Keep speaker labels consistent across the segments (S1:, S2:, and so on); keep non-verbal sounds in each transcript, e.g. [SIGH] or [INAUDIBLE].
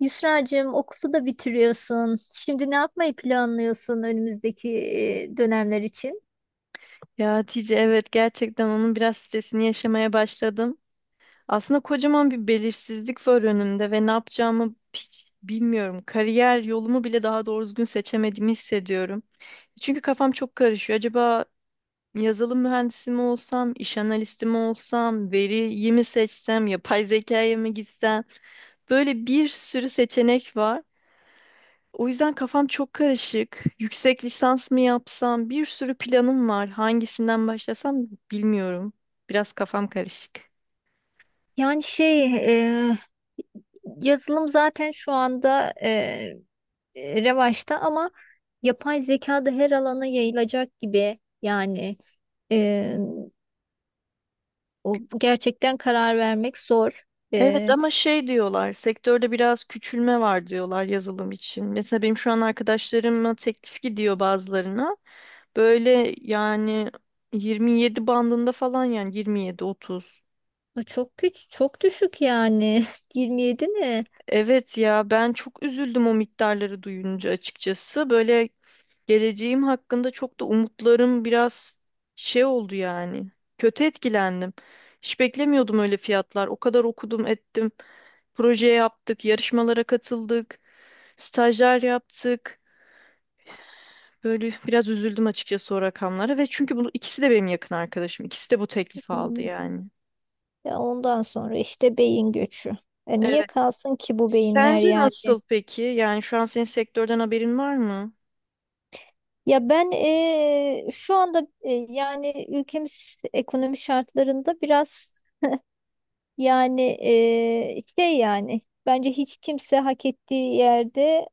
S1: Yusra'cığım, okulu da bitiriyorsun. Şimdi ne yapmayı planlıyorsun önümüzdeki dönemler için?
S2: Ya Hatice evet gerçekten onun biraz stresini yaşamaya başladım. Aslında kocaman bir belirsizlik var önümde ve ne yapacağımı hiç bilmiyorum. Kariyer yolumu bile daha doğru düzgün seçemediğimi hissediyorum. Çünkü kafam çok karışıyor. Acaba yazılım mühendisi mi olsam, iş analisti mi olsam, veriyi mi seçsem, yapay zekaya mı gitsem? Böyle bir sürü seçenek var. O yüzden kafam çok karışık. Yüksek lisans mı yapsam? Bir sürü planım var. Hangisinden başlasam bilmiyorum. Biraz kafam karışık.
S1: Yani e, yazılım zaten şu anda revaçta ama yapay zeka da her alana yayılacak gibi. Yani e, o gerçekten karar vermek zor.
S2: Evet
S1: E,
S2: ama şey diyorlar, sektörde biraz küçülme var diyorlar yazılım için. Mesela benim şu an arkadaşlarıma teklif gidiyor bazılarına. Böyle yani 27 bandında falan yani 27-30.
S1: O çok güç, çok düşük yani. [LAUGHS] 27 ne?
S2: Evet ya ben çok üzüldüm o miktarları duyunca açıkçası. Böyle geleceğim hakkında çok da umutlarım biraz şey oldu yani. Kötü etkilendim. Hiç beklemiyordum öyle fiyatlar. O kadar okudum, ettim. Proje yaptık, yarışmalara katıldık, stajlar yaptık. Böyle biraz üzüldüm açıkçası o rakamlara ve çünkü bunu ikisi de benim yakın arkadaşım. İkisi de bu teklifi aldı
S1: Hmm.
S2: yani.
S1: Ya ondan sonra işte beyin göçü. Niye
S2: Evet.
S1: kalsın ki bu beyinler
S2: Sence
S1: yani?
S2: nasıl peki? Yani şu an senin sektörden haberin var mı?
S1: Ya ben şu anda yani ülkemiz ekonomi şartlarında biraz yani şey yani bence hiç kimse hak ettiği yerde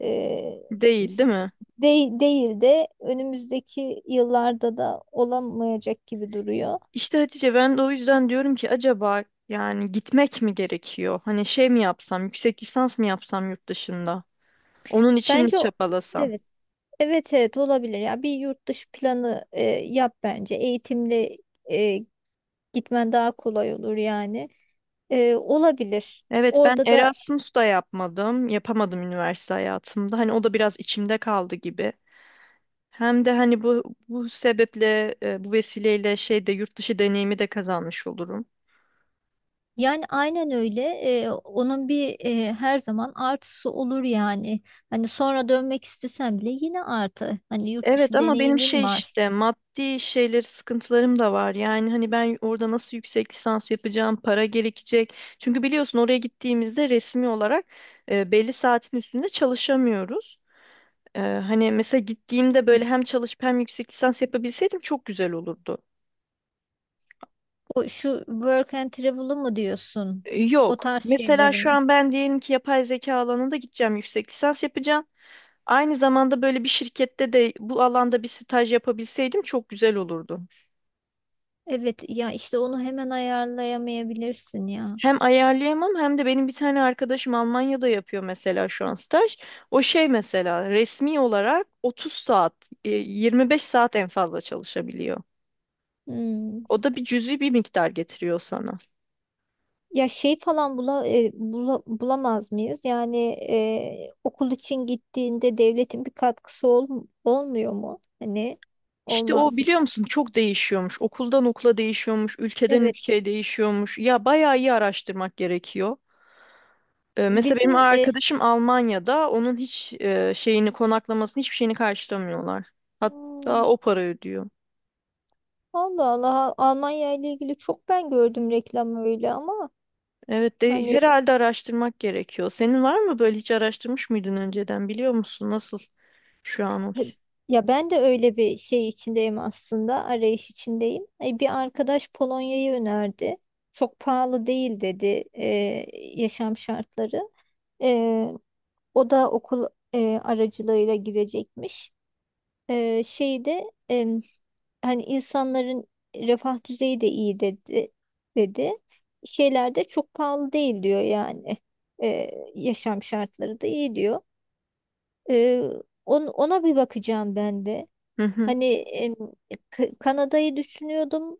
S1: eee,
S2: Değil, değil mi?
S1: değil, değil de önümüzdeki yıllarda da olamayacak gibi duruyor.
S2: İşte Hatice ben de o yüzden diyorum ki acaba yani gitmek mi gerekiyor? Hani şey mi yapsam, yüksek lisans mı yapsam yurt dışında? Onun için mi
S1: Bence o-
S2: çabalasam?
S1: evet, evet olabilir ya, bir yurt dışı planı yap bence, eğitimle e, gitmen daha kolay olur yani. Olabilir.
S2: Evet ben
S1: Orada da
S2: Erasmus da yapmadım, yapamadım üniversite hayatımda. Hani o da biraz içimde kaldı gibi. Hem de hani bu sebeple, bu vesileyle şey de yurt dışı deneyimi de kazanmış olurum.
S1: yani aynen öyle. Onun bir her zaman artısı olur yani. Hani sonra dönmek istesem bile yine artı. Hani yurt
S2: Evet
S1: dışı
S2: ama benim şey
S1: deneyimin var.
S2: işte maddi şeyleri sıkıntılarım da var. Yani hani ben orada nasıl yüksek lisans yapacağım, para gerekecek. Çünkü biliyorsun oraya gittiğimizde resmi olarak belli saatin üstünde çalışamıyoruz. Hani mesela gittiğimde böyle hem çalışıp hem yüksek lisans yapabilseydim çok güzel olurdu.
S1: O şu work and travel'ı mı diyorsun? O
S2: Yok.
S1: tarz
S2: Mesela
S1: şeyleri
S2: şu
S1: mi?
S2: an ben diyelim ki yapay zeka alanında gideceğim, yüksek lisans yapacağım. Aynı zamanda böyle bir şirkette de bu alanda bir staj yapabilseydim çok güzel olurdu.
S1: Evet ya, işte onu hemen ayarlayamayabilirsin ya.
S2: Hem ayarlayamam hem de benim bir tane arkadaşım Almanya'da yapıyor mesela şu an staj. O şey mesela resmi olarak 30 saat, 25 saat en fazla çalışabiliyor.
S1: Hmm.
S2: O da bir cüzi bir miktar getiriyor sana.
S1: Ya şey falan bula, e, bula- bulamaz mıyız? Yani okul için gittiğinde devletin bir katkısı olmuyor mu? Hani
S2: İşte o
S1: olmaz
S2: biliyor
S1: mı?
S2: musun çok değişiyormuş. Okuldan okula değişiyormuş, ülkeden
S1: Evet.
S2: ülkeye değişiyormuş. Ya bayağı iyi araştırmak gerekiyor. Mesela benim
S1: Bizim
S2: arkadaşım Almanya'da onun hiç şeyini konaklamasını hiçbir şeyini karşılamıyorlar. Hatta
S1: hmm,
S2: o para ödüyor.
S1: Allah Allah, Almanya ile ilgili çok ben gördüm reklam öyle ama
S2: Evet de
S1: hani
S2: herhalde araştırmak gerekiyor. Senin var mı böyle hiç araştırmış mıydın önceden biliyor musun nasıl şu an o?
S1: he- ya ben de öyle bir şey içindeyim, aslında arayış içindeyim. Bir arkadaş Polonya'yı önerdi. Çok pahalı değil dedi e, yaşam şartları. E, O da okul aracılığıyla gidecekmiş. Ee, şeyde em, hani insanların refah düzeyi de iyi dedi. Şeyler de çok pahalı değil diyor yani. Yaşam şartları da iyi diyor. Ee, Ona bir bakacağım ben de.
S2: Hı hı.
S1: Hani em, Kanada'yı düşünüyordum.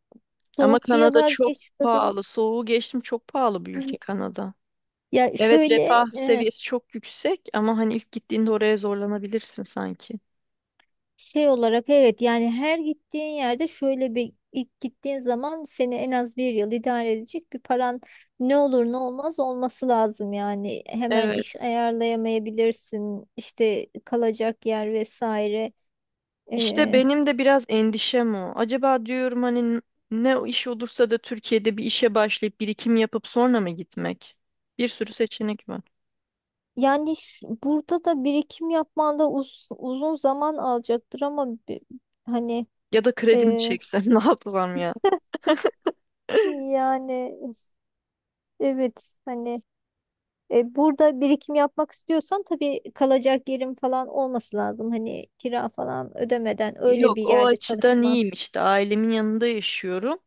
S2: Ama
S1: Soğuk diye
S2: Kanada çok
S1: vazgeçiyordum.
S2: pahalı. Soğuğu geçtim çok pahalı bir ülke
S1: [LAUGHS]
S2: Kanada.
S1: Ya
S2: Evet
S1: şöyle
S2: refah seviyesi çok yüksek ama hani ilk gittiğinde oraya zorlanabilirsin sanki.
S1: şey olarak, evet yani her gittiğin yerde şöyle bir, ilk gittiğin zaman seni en az bir yıl idare edecek bir paran ne olur ne olmaz olması lazım yani, hemen
S2: Evet.
S1: iş ayarlayamayabilirsin, işte kalacak yer vesaire.
S2: İşte
S1: Ee,
S2: benim de biraz endişem o. Acaba diyorum hani ne o iş olursa da Türkiye'de bir işe başlayıp birikim yapıp sonra mı gitmek? Bir sürü seçenek var.
S1: Yani burada da birikim yapman da uzun zaman alacaktır ama hani
S2: Ya da kredi mi
S1: e,
S2: çeksem [LAUGHS] ne yapsam?
S1: [LAUGHS] yani evet hani burada birikim yapmak istiyorsan tabii kalacak yerin falan olması lazım. Hani kira falan ödemeden öyle bir
S2: Yok o
S1: yerde
S2: açıdan
S1: çalışman.
S2: iyiyim işte ailemin yanında yaşıyorum.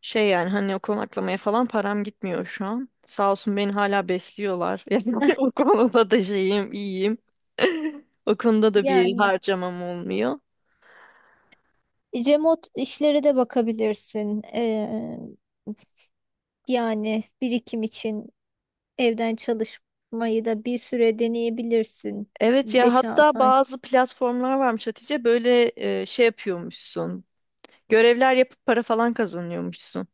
S2: Şey yani hani o konaklamaya falan param gitmiyor şu an. Sağ olsun beni hala besliyorlar. [LAUGHS] Yani
S1: [LAUGHS]
S2: o konuda da şeyim iyiyim. [LAUGHS] O konuda da bir
S1: Yani
S2: harcamam olmuyor.
S1: remote işlere de bakabilirsin. Yani birikim için evden çalışmayı da bir süre deneyebilirsin.
S2: Evet ya
S1: Beş
S2: hatta
S1: altı ay.
S2: bazı platformlar varmış Hatice böyle şey yapıyormuşsun. Görevler yapıp para falan kazanıyormuşsun.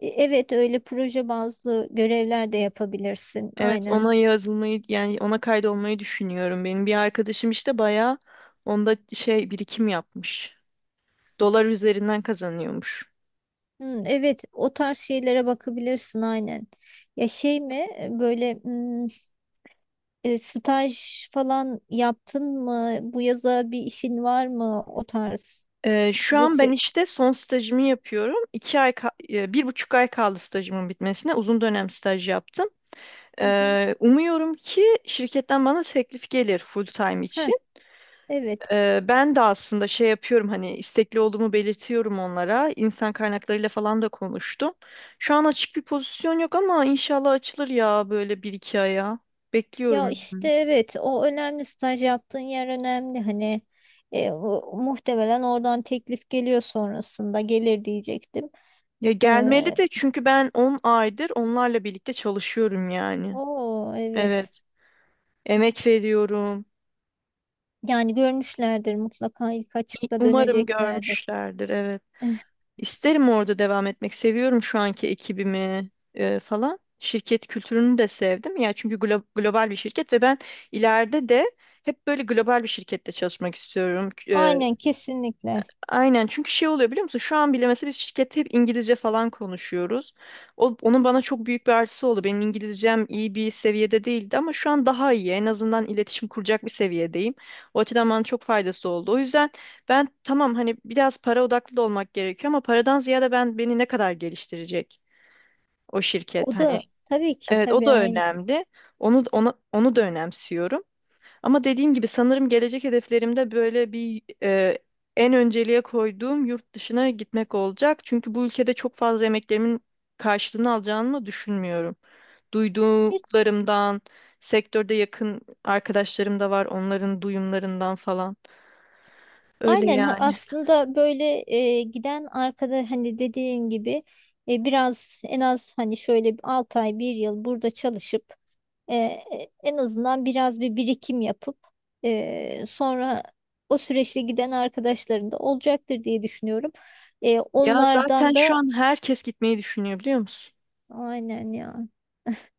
S1: Evet, öyle proje bazlı görevler de yapabilirsin.
S2: Evet
S1: Aynen.
S2: ona yazılmayı yani ona kaydolmayı düşünüyorum. Benim bir arkadaşım işte bayağı onda şey birikim yapmış. Dolar üzerinden kazanıyormuş.
S1: Hmm, evet, o tarz şeylere bakabilirsin aynen. Ya böyle hmm, staj falan yaptın mı? Bu yaza bir işin var mı, o tarz?
S2: Şu an
S1: Yoksa
S2: ben işte son stajımı yapıyorum. 2 ay, 1,5 ay kaldı stajımın bitmesine. Uzun dönem staj yaptım.
S1: hı hı.
S2: Umuyorum ki şirketten bana teklif gelir full time
S1: Heh,
S2: için.
S1: evet.
S2: Ben de aslında şey yapıyorum hani istekli olduğumu belirtiyorum onlara. İnsan kaynaklarıyla falan da konuştum. Şu an açık bir pozisyon yok ama inşallah açılır ya böyle bir iki aya.
S1: Ya
S2: Bekliyorum.
S1: işte evet, o önemli, staj yaptığın yer önemli hani. Muhtemelen oradan teklif geliyor, sonrasında gelir diyecektim.
S2: Ya gelmeli
S1: E,
S2: de çünkü ben 10 aydır onlarla birlikte çalışıyorum yani.
S1: O evet.
S2: Evet. Emek veriyorum.
S1: Yani görmüşlerdir mutlaka, ilk açıkta
S2: Umarım
S1: döneceklerdir.
S2: görmüşlerdir. Evet.
S1: [LAUGHS]
S2: İsterim orada devam etmek. Seviyorum şu anki ekibimi falan. Şirket kültürünü de sevdim. Ya çünkü global bir şirket ve ben ileride de hep böyle global bir şirkette çalışmak istiyorum.
S1: Aynen, kesinlikle.
S2: Aynen çünkü şey oluyor biliyor musun? Şu an bile mesela biz şirkette hep İngilizce falan konuşuyoruz. Onun bana çok büyük bir artısı oldu. Benim İngilizcem iyi bir seviyede değildi ama şu an daha iyi. En azından iletişim kuracak bir seviyedeyim. O açıdan bana çok faydası oldu. O yüzden ben tamam hani biraz para odaklı da olmak gerekiyor ama paradan ziyade ben beni ne kadar geliştirecek o şirket
S1: O
S2: hani.
S1: da tabii ki,
S2: Evet o
S1: tabii
S2: da
S1: aynen.
S2: önemli. Onu da önemsiyorum. Ama dediğim gibi sanırım gelecek hedeflerimde böyle bir en önceliğe koyduğum yurt dışına gitmek olacak. Çünkü bu ülkede çok fazla emeklerimin karşılığını alacağını düşünmüyorum. Duyduklarımdan, sektörde yakın arkadaşlarım da var, onların duyumlarından falan. Öyle
S1: Aynen
S2: yani.
S1: Aslında böyle giden arkada, hani dediğin gibi biraz en az hani şöyle 6 ay bir yıl burada çalışıp e, e, en azından biraz bir birikim yapıp sonra o süreçte giden arkadaşların da olacaktır diye düşünüyorum.
S2: Ya zaten
S1: Onlardan
S2: şu
S1: da
S2: an herkes gitmeyi düşünüyor biliyor musun?
S1: aynen ya,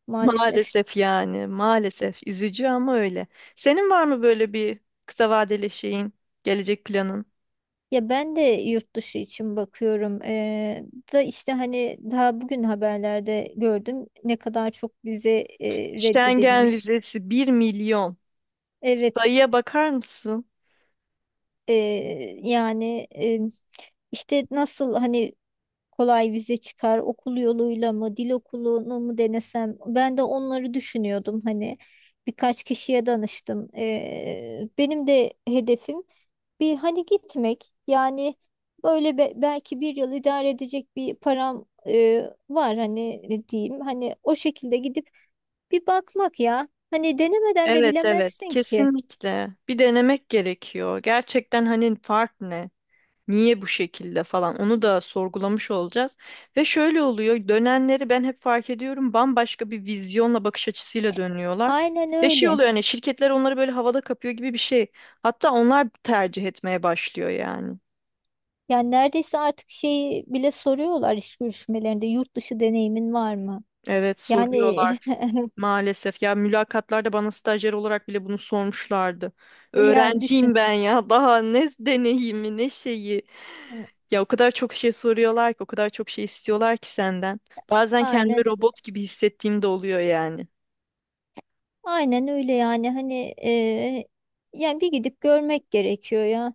S2: [LAUGHS]
S1: maalesef.
S2: Maalesef yani, maalesef. Üzücü ama öyle. Senin var mı böyle bir kısa vadeli şeyin, gelecek planın?
S1: Ya ben de yurt dışı için bakıyorum. Da işte hani daha bugün haberlerde gördüm ne kadar çok vize
S2: Schengen
S1: reddedilmiş.
S2: vizesi 1.000.000.
S1: Evet,
S2: Sayıya bakar mısın?
S1: e, yani işte nasıl hani kolay vize çıkar, okul yoluyla mı, dil okulunu mu denesem, ben de onları düşünüyordum hani. Birkaç kişiye danıştım. Benim de hedefim bir hani gitmek yani, böyle belki bir yıl idare edecek bir param var, hani ne diyeyim, hani o şekilde gidip bir bakmak. Ya hani, denemeden de
S2: Evet evet
S1: bilemezsin ki.
S2: kesinlikle. Bir denemek gerekiyor. Gerçekten hani fark ne? Niye bu şekilde falan onu da sorgulamış olacağız. Ve şöyle oluyor dönenleri ben hep fark ediyorum bambaşka bir vizyonla bakış açısıyla dönüyorlar.
S1: Aynen
S2: Ve şey
S1: öyle
S2: oluyor hani şirketler onları böyle havada kapıyor gibi bir şey. Hatta onlar tercih etmeye başlıyor yani.
S1: yani. Neredeyse artık şeyi bile soruyorlar iş görüşmelerinde, yurt dışı deneyimin var mı
S2: Evet
S1: yani.
S2: soruyorlar
S1: [LAUGHS]
S2: maalesef. Ya mülakatlarda bana stajyer olarak bile bunu sormuşlardı.
S1: Yani düşün,
S2: Öğrenciyim ben ya [LAUGHS] daha ne deneyimi ne şeyi. Ya o kadar çok şey soruyorlar ki o kadar çok şey istiyorlar ki senden. Bazen
S1: aynen,
S2: kendimi robot gibi hissettiğim de oluyor yani.
S1: aynen öyle yani. Hani yani bir gidip görmek gerekiyor ya.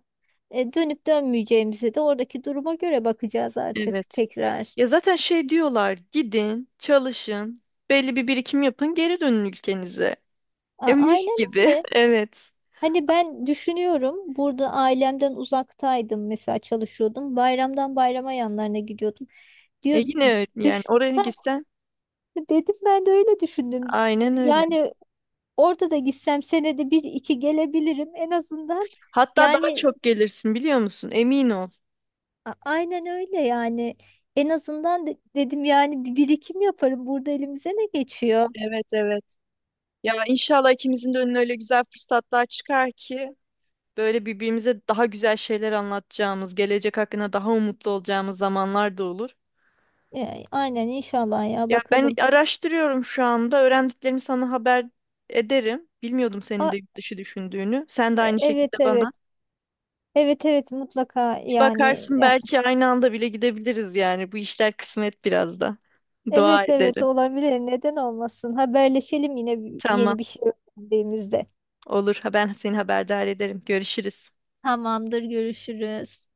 S1: Dönüp dönmeyeceğimize de oradaki duruma göre bakacağız artık
S2: Evet.
S1: tekrar.
S2: Ya zaten şey diyorlar gidin çalışın belli bir birikim yapın geri dönün ülkenize. E mis
S1: Aynen
S2: gibi
S1: öyle.
S2: [LAUGHS] evet.
S1: Hani ben düşünüyorum, burada ailemden uzaktaydım mesela, çalışıyordum. Bayramdan bayrama yanlarına gidiyordum.
S2: E
S1: Diyor,
S2: yine öyle yani
S1: düş
S2: oraya
S1: Ha,
S2: gitsen
S1: dedim ben de öyle düşündüm.
S2: aynen öyle.
S1: Yani orada da gitsem senede bir iki gelebilirim en azından.
S2: Hatta daha
S1: Yani
S2: çok gelirsin biliyor musun? Emin ol.
S1: aynen öyle yani. En azından dedim yani bir birikim yaparım. Burada elimize ne geçiyor?
S2: Evet evet. Ya inşallah ikimizin de önüne öyle güzel fırsatlar çıkar ki böyle birbirimize daha güzel şeyler anlatacağımız, gelecek hakkında daha umutlu olacağımız zamanlar da olur.
S1: Aynen inşallah, ya
S2: Ya ben
S1: bakalım.
S2: araştırıyorum şu anda. Öğrendiklerimi sana haber ederim. Bilmiyordum senin de
S1: A,
S2: yurt dışı düşündüğünü. Sen de aynı
S1: evet
S2: şekilde bana.
S1: evet. Evet evet, mutlaka
S2: Bir
S1: yani.
S2: bakarsın
S1: Ya,
S2: belki aynı anda bile gidebiliriz yani. Bu işler kısmet biraz da.
S1: evet
S2: Dua
S1: evet,
S2: edelim.
S1: olabilir. Neden olmasın? Haberleşelim yine
S2: Tamam,
S1: yeni bir şey öğrendiğimizde.
S2: olur. Ben seni haberdar ederim. Görüşürüz.
S1: Tamamdır, görüşürüz.